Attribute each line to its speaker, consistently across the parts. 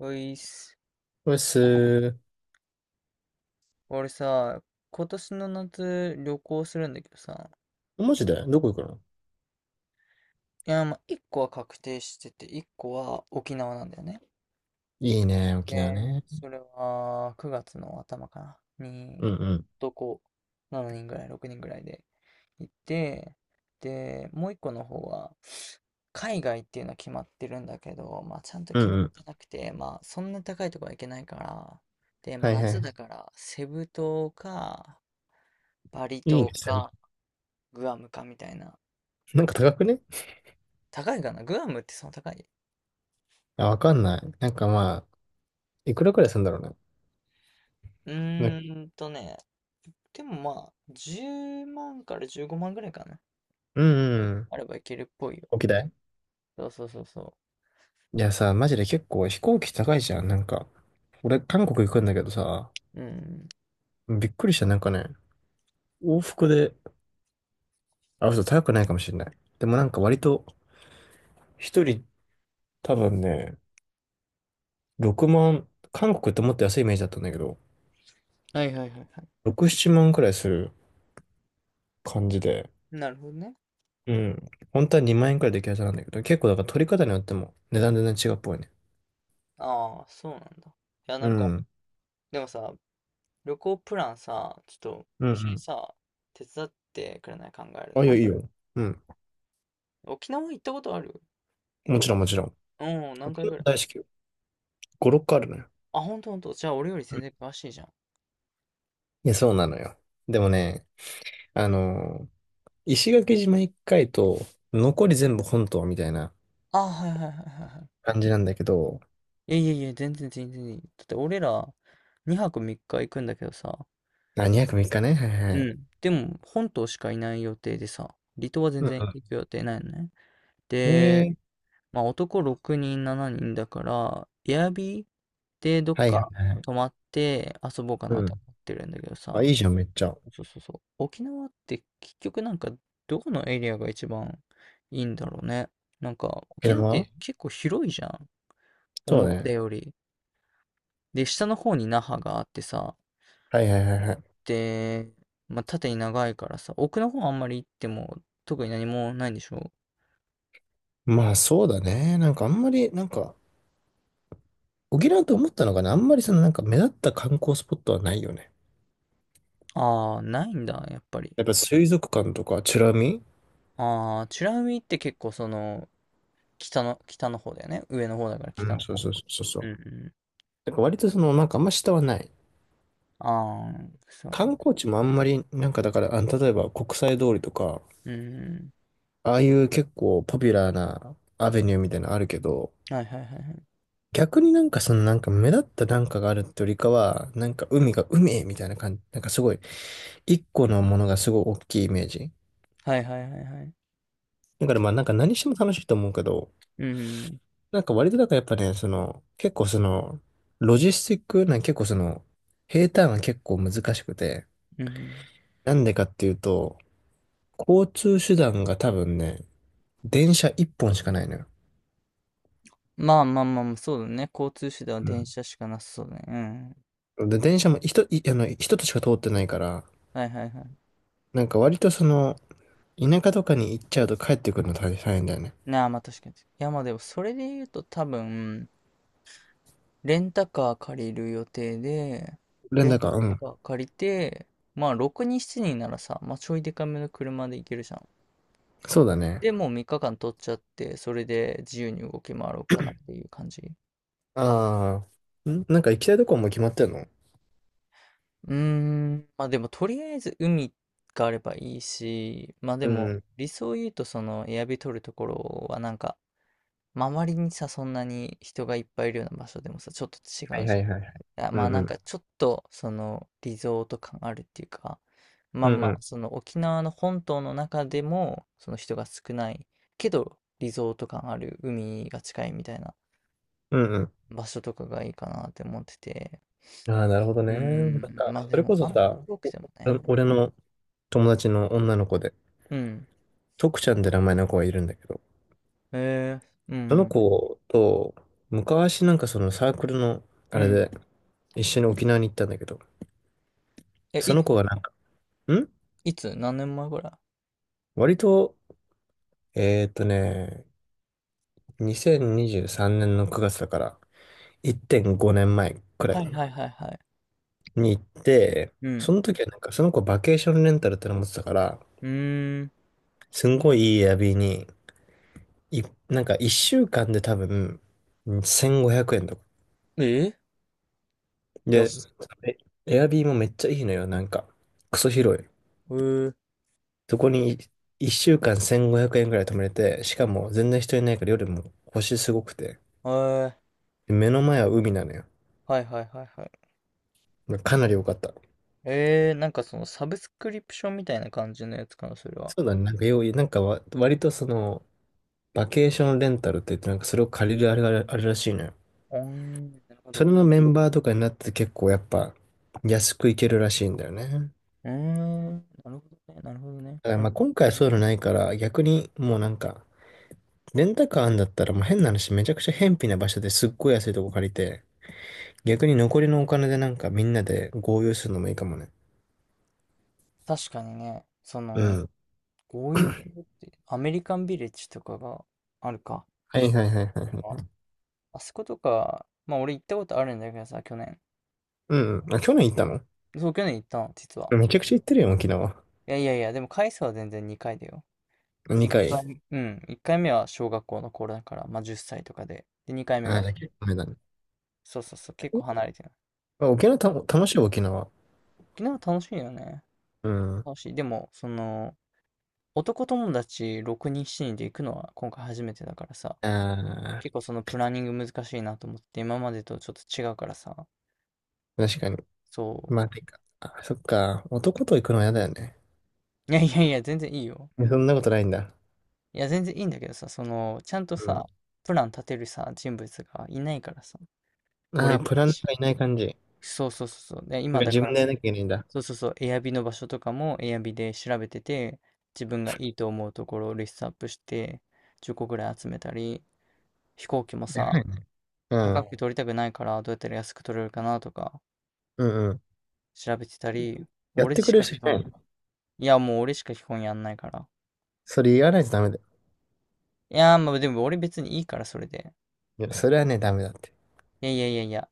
Speaker 1: おいっす。
Speaker 2: うっす
Speaker 1: 俺さ、今年の夏旅行するんだけどさ、
Speaker 2: ー。マジでどこ行くの？
Speaker 1: いや、まあ、1個は確定してて、1個は沖縄なんだよね。
Speaker 2: いいね、沖縄
Speaker 1: で、
Speaker 2: ね。
Speaker 1: それは9月の頭かな、に、
Speaker 2: うんうん。
Speaker 1: 男7人ぐらい、6人ぐらいで行って、で、もう1個の方は、海外っていうのは決まってるんだけど、まあ、ちゃんと
Speaker 2: う
Speaker 1: 決
Speaker 2: んう
Speaker 1: まっ
Speaker 2: ん。
Speaker 1: てなくて、まあ、そんな高いとこは行けないから、で、まあ、
Speaker 2: はいは
Speaker 1: 夏
Speaker 2: い。
Speaker 1: だから、セブ島か、バリ
Speaker 2: いい
Speaker 1: 島
Speaker 2: ね、調べて。
Speaker 1: か、グアムかみたいな。
Speaker 2: なんか高くね？
Speaker 1: 高いかな、グアムって。その高い？
Speaker 2: あ、わかんない。なんかまあ、いくらくらいするんだろうね。
Speaker 1: う
Speaker 2: な。
Speaker 1: ーんとね、でもまあ、10万から15万ぐらいかな。
Speaker 2: うんうん。
Speaker 1: あればいけるっぽいよ。
Speaker 2: 沖縄い。
Speaker 1: そうそうそうそ
Speaker 2: やさ、マジで結構飛行機高いじゃん。なんか、俺韓国行くんだけどさ、
Speaker 1: う。うん。
Speaker 2: びっくりした。なんかね、往復で、あ、嘘、高くないかもしれない。でもなんか割と、一人多分ね、6万、韓国ってもっと安いイメージだったんだけど、
Speaker 1: はいはいはいはい。
Speaker 2: 6、7万くらいする感じで、
Speaker 1: なるほどね。
Speaker 2: うん。本当は2万円くらいできるはずなんだけど、結構だから取り方によっても値段全然違うっぽいね。
Speaker 1: ああ、そうなんだ。いや、な
Speaker 2: う
Speaker 1: んか、
Speaker 2: ん。
Speaker 1: でもさ、旅行プランさ、ちょっと
Speaker 2: うんう
Speaker 1: 一緒に
Speaker 2: ん。
Speaker 1: さ、手伝ってくれない？考える
Speaker 2: あ、い
Speaker 1: の。
Speaker 2: や、いいよ。うん。
Speaker 1: 沖縄行ったことある？
Speaker 2: もちろんもちろん。
Speaker 1: うん、何
Speaker 2: 沖
Speaker 1: 回
Speaker 2: 縄
Speaker 1: ぐらい？
Speaker 2: 大好きよ。5、6個あるのよ。
Speaker 1: あ、ほんとほんと。じゃあ俺より
Speaker 2: う
Speaker 1: 全
Speaker 2: ん。
Speaker 1: 然詳しいじゃん。
Speaker 2: いや、そうなのよ。でもね、あのー石垣島1回と、残り全部本島みたいな
Speaker 1: ああ、はいはいはいはいはい。
Speaker 2: 感じなんだけど、
Speaker 1: いやいやいや、全然全然いい。だって俺ら2泊3日行くんだけどさ、
Speaker 2: あ、2泊3日ね。はいは
Speaker 1: う
Speaker 2: い。
Speaker 1: ん。でも本島しかいない予定でさ、離島は全
Speaker 2: う
Speaker 1: 然
Speaker 2: ん
Speaker 1: 行く予定ないのね。
Speaker 2: うん。
Speaker 1: で、まあ男6人7人だから、エアビーでどっ
Speaker 2: はいはい
Speaker 1: か
Speaker 2: は
Speaker 1: 泊
Speaker 2: い。
Speaker 1: まって遊ぼうかな
Speaker 2: う
Speaker 1: と思
Speaker 2: ん。
Speaker 1: ってるんだけど
Speaker 2: あ、
Speaker 1: さ、
Speaker 2: いいじゃん、めっちゃ。
Speaker 1: そうそうそう。沖縄って結局なんか、どこのエリアが一番いいんだろうね。なんか
Speaker 2: 沖
Speaker 1: 沖縄っ
Speaker 2: 縄。
Speaker 1: て結構広いじゃん、
Speaker 2: そ
Speaker 1: 思
Speaker 2: う
Speaker 1: った
Speaker 2: ね。
Speaker 1: より。で、下の方に那覇があってさ、
Speaker 2: はいはいはいはい。
Speaker 1: て、まあ、縦に長いからさ、奥の方あんまり行っても特に何もないんでしょう？
Speaker 2: まあそうだね。なんかあんまり、なんか、沖縄と思ったのがね、あんまりそのなんか目立った観光スポットはないよね。
Speaker 1: ああー、ないんだ、やっぱり。
Speaker 2: やっぱ水族館とか、チュラミ。
Speaker 1: ああ、美ら海って結構その、北の方だよね。上の方だから
Speaker 2: う
Speaker 1: 北
Speaker 2: ん、
Speaker 1: の
Speaker 2: そう
Speaker 1: 方。
Speaker 2: そうそうそ
Speaker 1: う
Speaker 2: う。
Speaker 1: んうん。
Speaker 2: なんか割とその、なんかあんま下はない。
Speaker 1: ああ、そう。
Speaker 2: 観光地もあんまり、なんかだから、あの例えば国際通りとか、
Speaker 1: うんう
Speaker 2: ああいう結構ポピュラーなアベニューみたいなのあるけど、
Speaker 1: ん。はいはいはいはい。
Speaker 2: 逆になんかそのなんか目立ったなんかがあるってよりかは、なんか海が海みたいな感じ、なんかすごい、一個のものがすごい大きいイメージ。
Speaker 1: はいはいはいはい。
Speaker 2: だからまあなんか何しても楽しいと思うけど、
Speaker 1: うんうん。
Speaker 2: なんか割となんかやっぱね、その、結構その、ロジスティックなん結構その、平坦が結構難しくて、
Speaker 1: うんうん。
Speaker 2: なんでかっていうと、交通手段が多分ね、電車一本しかないのよ。
Speaker 1: まあまあまあまあ、そうだね。交通手段は
Speaker 2: う
Speaker 1: 電車しかなさそうだね。うん。
Speaker 2: ん。で、電車も一つしか通ってないから、
Speaker 1: はいはいはい。
Speaker 2: なんか割とその、田舎とかに行っちゃうと帰ってくるの大変だよね。
Speaker 1: なあ、まあ確かに。いやまあでも、それで言うと多分、レンタカー借りる予定で、
Speaker 2: 連
Speaker 1: レン
Speaker 2: 絡は、
Speaker 1: タ
Speaker 2: うん。
Speaker 1: カー借りて、まあ6人7人ならさ、まあちょいでかめの車で行けるじゃん。
Speaker 2: そうだね。
Speaker 1: で、もう3日間取っちゃって、それで自由に動き回ろうかなっていう感じ。
Speaker 2: ああ、なんか行きたいとこはもう決まってんの？
Speaker 1: うーん、まあでもとりあえず海があればいいし、まあで
Speaker 2: う
Speaker 1: も
Speaker 2: ん。
Speaker 1: 理想を言うと、そのエアビ取るところはなんか、まあ、周りにさ、そんなに人がいっぱいいるような場所でもさ、ちょっと違
Speaker 2: はい
Speaker 1: う
Speaker 2: は
Speaker 1: じ
Speaker 2: いはいはい。
Speaker 1: ゃん。あ、
Speaker 2: う
Speaker 1: まあ、な
Speaker 2: んう
Speaker 1: ん
Speaker 2: ん。
Speaker 1: かちょっと、その、リゾート感あるっていうか、ま
Speaker 2: う
Speaker 1: あ
Speaker 2: んう
Speaker 1: まあ、
Speaker 2: ん。
Speaker 1: その沖縄の本島の中でも、その人が少ないけど、リゾート感ある、海が近いみたいな
Speaker 2: うんうん。
Speaker 1: 場所とかがいいかなって思ってて。
Speaker 2: ああ、なるほど
Speaker 1: うー
Speaker 2: ね。なんか、
Speaker 1: ん、まあ
Speaker 2: そ
Speaker 1: で
Speaker 2: れこ
Speaker 1: も、
Speaker 2: そ
Speaker 1: あんま
Speaker 2: さ、
Speaker 1: 遠くても
Speaker 2: 俺
Speaker 1: ね。
Speaker 2: 俺の友達の女の子で、
Speaker 1: うん。
Speaker 2: 徳ちゃんって名前の子がいるんだけど、
Speaker 1: へえー、う
Speaker 2: その
Speaker 1: ん、
Speaker 2: 子と、昔なんかそのサークルの、
Speaker 1: う
Speaker 2: あれ
Speaker 1: ん。
Speaker 2: で、一緒に沖縄に行ったんだけど、
Speaker 1: え、
Speaker 2: そ
Speaker 1: いつ？
Speaker 2: の子がなんか、ん。
Speaker 1: いつ？何年前ぐらい？
Speaker 2: 割と、えーっとね、2023年の9月だから、1.5年前くらい
Speaker 1: はい
Speaker 2: か
Speaker 1: は
Speaker 2: な、
Speaker 1: いはいはい。
Speaker 2: に行って、
Speaker 1: う
Speaker 2: そ
Speaker 1: ん。
Speaker 2: の時はなんか、その子バケーションレンタルっての持ってたから、
Speaker 1: うーん。
Speaker 2: すんごいいいエアビーに、い、なんか一週間で多分、うん1500円とか。
Speaker 1: えよ
Speaker 2: で、
Speaker 1: し。
Speaker 2: えエアビーもめっちゃいいのよ、なんか。クソ広い。
Speaker 1: うー、
Speaker 2: そこに一週間1500円くえんくらい泊まれて、しかも全然人いないから夜も星すごくて。
Speaker 1: は
Speaker 2: で目の前は海なのよ。
Speaker 1: い、はいはいはいはい。
Speaker 2: かなり良かった。
Speaker 1: えー、なんかそのサブスクリプションみたいな感じのやつかな、それは。
Speaker 2: そうだね、なんかなんか割とその、バケーションレンタルって言って、なんかそれを借りるあれがあるらしいのよ。
Speaker 1: うーん、なるほ
Speaker 2: それ
Speaker 1: ど。
Speaker 2: のメンバーとかになって結構やっぱ安く行けるらしいんだよね。
Speaker 1: うーん、なるほどね、なるほどね。
Speaker 2: だから
Speaker 1: これ
Speaker 2: まあ今回はそういうのないから、逆にもうなんか、レンタカーあんだったら、もう変な話、めちゃくちゃ偏僻な場所ですっごい安いとこ借りて、逆に残りのお金でなんかみんなで合流するのもいいかもね。
Speaker 1: 確かにね、そ
Speaker 2: う
Speaker 1: の、
Speaker 2: ん。
Speaker 1: こういうのって、アメリカンビレッジとかがあるか。
Speaker 2: はいはいはいはい
Speaker 1: あ
Speaker 2: はい。
Speaker 1: あそことか、まあ俺行ったことあるんだけどさ、去年。
Speaker 2: うんうん。あ、去年行ったの？
Speaker 1: そう、去年行ったの、実は。
Speaker 2: めちゃくちゃ行ってるよ、沖縄。
Speaker 1: いやいやいや、でも回数は全然2回だよ。1
Speaker 2: 2回。
Speaker 1: 回、うん、1回目は小学校の頃だから、まあ10歳とかで。で、2回目
Speaker 2: ああ、
Speaker 1: が。
Speaker 2: じゃあ結構前だね。
Speaker 1: そうそうそう、結構離れてる。
Speaker 2: あ沖縄た、楽しいよ、沖縄。
Speaker 1: 沖縄楽しいよね。
Speaker 2: うん。
Speaker 1: 楽しい。でも、その、男友達6人、7人で行くのは今回初めてだからさ、
Speaker 2: ああ、
Speaker 1: 結構そのプランニング難しいなと思って、今までとちょっと違うからさ。
Speaker 2: 確かに。
Speaker 1: そ
Speaker 2: まあ、てか、あ、そっか。男と行くのは嫌だよね。
Speaker 1: う。いやいやいや、全然いいよ。
Speaker 2: え、そんなことないんだ？
Speaker 1: いや、全然いいんだけどさ、その、ちゃんと
Speaker 2: う
Speaker 1: さ、プラン立てるさ、人物がいないからさ、
Speaker 2: ん。あ
Speaker 1: 俺
Speaker 2: あ、
Speaker 1: ぐ
Speaker 2: プ
Speaker 1: ら
Speaker 2: ラ
Speaker 1: い
Speaker 2: ンナー
Speaker 1: しか。
Speaker 2: がいない感じ。
Speaker 1: そうそうそうそう。で、
Speaker 2: なん
Speaker 1: 今
Speaker 2: か
Speaker 1: だ
Speaker 2: 自
Speaker 1: か
Speaker 2: 分
Speaker 1: ら、
Speaker 2: でやらなきゃいけないんだ。
Speaker 1: そうそうそう、エアビの場所とかもエアビで調べてて、自分がいいと思うところをリストアップして、10個ぐらい集めたり、飛行機もさ、
Speaker 2: う
Speaker 1: 高
Speaker 2: ん。
Speaker 1: く取りたくないから、どうやったら安く取れるかなとか、
Speaker 2: うんうん。
Speaker 1: 調べてたり、
Speaker 2: やっ
Speaker 1: 俺
Speaker 2: て
Speaker 1: し
Speaker 2: くれる
Speaker 1: か
Speaker 2: 人
Speaker 1: 基
Speaker 2: いな
Speaker 1: 本、
Speaker 2: いの？
Speaker 1: いや、もう俺しか基本やんないから。
Speaker 2: それ言わないとダメだよ。
Speaker 1: いやー、まあでも俺別にいいから、それで。
Speaker 2: いや、それはね、ダメだって。
Speaker 1: いやいやいやいや、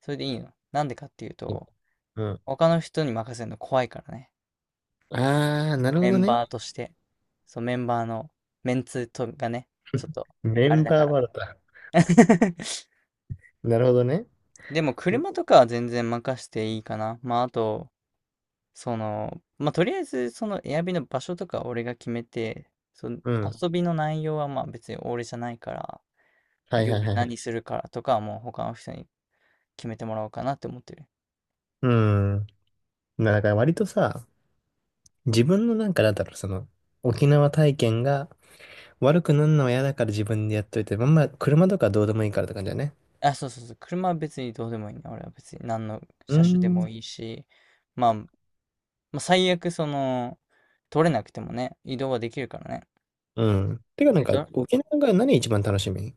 Speaker 1: それでいいの。なんでかっていうと、
Speaker 2: うん。
Speaker 1: 他の人に任せるの怖いからね。
Speaker 2: あー、なるほ
Speaker 1: メ
Speaker 2: ど
Speaker 1: ン
Speaker 2: ね。
Speaker 1: バーとして、そう、メンバーのメンツとがね、ちょっと、
Speaker 2: メ
Speaker 1: あれ
Speaker 2: ン
Speaker 1: だか
Speaker 2: バー
Speaker 1: ら。
Speaker 2: バラだ。なるほどね。
Speaker 1: でも、車とかは全然任していいかな。まあ、あと、その、まあ、とりあえず、その、エアビの場所とかは俺が決めて、その、
Speaker 2: うん。
Speaker 1: 遊びの内容はまあ別に俺じゃないから、
Speaker 2: はいはい
Speaker 1: 夜
Speaker 2: はいはい。
Speaker 1: 何するからとかはもう他の人に決めてもらおうかなって思ってる。
Speaker 2: うん。だから割とさ、自分のなんかなんだろう、その、沖縄体験が悪くなるのは嫌だから自分でやっといて、まあまあ、車とかどうでもいいからって感じだね。
Speaker 1: あ、そうそうそう、車は別にどうでもいいね。俺は別に何の
Speaker 2: うー
Speaker 1: 車種でも
Speaker 2: ん。
Speaker 1: いいし、まあ、まあ、最悪その、取れなくてもね、移動はできるからね。
Speaker 2: うん。てかな
Speaker 1: え
Speaker 2: ん
Speaker 1: っ
Speaker 2: か、
Speaker 1: と
Speaker 2: 沖縄が何一番楽しみ？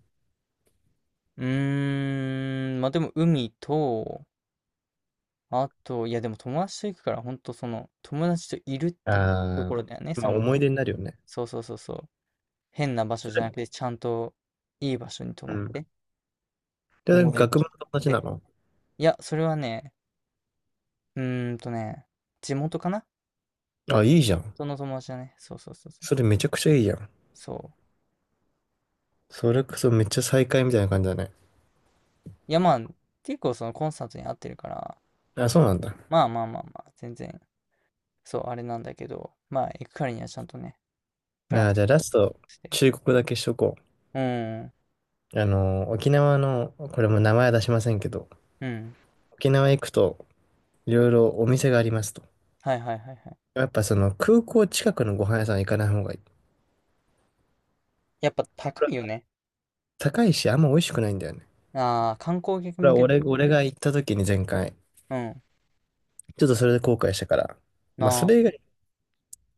Speaker 1: うーん、まあでも海と、あと、いやでも友達と行くから、ほんとその、友達といるっていうと
Speaker 2: ああ
Speaker 1: ころだよね。
Speaker 2: ー、ま
Speaker 1: そ
Speaker 2: あ
Speaker 1: の、
Speaker 2: 思い出になるよね。
Speaker 1: そうそうそうそう。変な場所
Speaker 2: そ
Speaker 1: じゃ
Speaker 2: れ、
Speaker 1: なくて、ちゃんといい場所に泊
Speaker 2: う
Speaker 1: まっ
Speaker 2: ん。
Speaker 1: て、
Speaker 2: で、
Speaker 1: お
Speaker 2: な
Speaker 1: も
Speaker 2: ん
Speaker 1: ろ
Speaker 2: か
Speaker 1: い場
Speaker 2: 学
Speaker 1: 所
Speaker 2: 部の
Speaker 1: に行
Speaker 2: 友
Speaker 1: っ
Speaker 2: 達
Speaker 1: て。
Speaker 2: なの？
Speaker 1: いや、それはね、うーんとね、地元かな。
Speaker 2: あ、いいじゃん。
Speaker 1: その友達だね。そうそうそうそう。
Speaker 2: それめちゃくちゃいいじゃん。
Speaker 1: そう。
Speaker 2: それこそめっちゃ再会みたいな感じだね。
Speaker 1: いやまあ、結構そのコンサートに合ってるから、
Speaker 2: あ、そうなんだ。
Speaker 1: まあまあまあまあ、全然そう、あれなんだけど、まあ、行くからにはちゃんとね、プラン
Speaker 2: まあー、
Speaker 1: 立
Speaker 2: じ
Speaker 1: て
Speaker 2: ゃあラスト、
Speaker 1: して。
Speaker 2: 忠告だけしとこ
Speaker 1: うん、
Speaker 2: う。沖縄の、これも名前は出しませんけど、
Speaker 1: うん。
Speaker 2: 沖縄行くと、いろいろお店がありますと。
Speaker 1: はいはいはいはい。
Speaker 2: やっぱその空港近くのご飯屋さん行かない方がいい。
Speaker 1: やっぱ高いよね。
Speaker 2: 高いし、あんま美味しくないんだよね。
Speaker 1: ああ、観光客
Speaker 2: これ
Speaker 1: 向
Speaker 2: は
Speaker 1: け。
Speaker 2: 俺が行った時に前回、
Speaker 1: うん。
Speaker 2: ちょっとそれで後悔したから、
Speaker 1: な
Speaker 2: まあそれ以外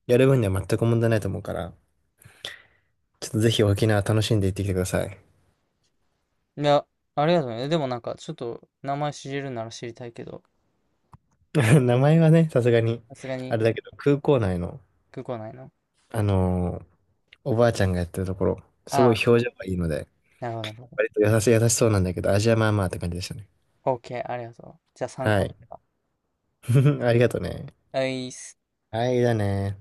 Speaker 2: やる分には全く問題ないと思うから、ちょっとぜひ沖縄楽しんで行ってきてください。
Speaker 1: あ。いや、ありがとうね。でもなんか、ちょっと、名前知れるなら知りたいけど、
Speaker 2: 名前はね、さすがに、
Speaker 1: さすがに、
Speaker 2: あれだけど、空港内の、
Speaker 1: 空港内の。
Speaker 2: あのーおばあちゃんがやってるところ、す
Speaker 1: あ
Speaker 2: ごい
Speaker 1: あ、
Speaker 2: 表情がいいので、
Speaker 1: なるほどなるほ
Speaker 2: 割と優しい、優しそうなんだけど、味はまあまあって感じでしたね。
Speaker 1: ど。OK、ありがとう。じゃあ参
Speaker 2: は
Speaker 1: 考にな
Speaker 2: い。
Speaker 1: れば。
Speaker 2: ありがとうね。
Speaker 1: はいっす。
Speaker 2: はい、だね。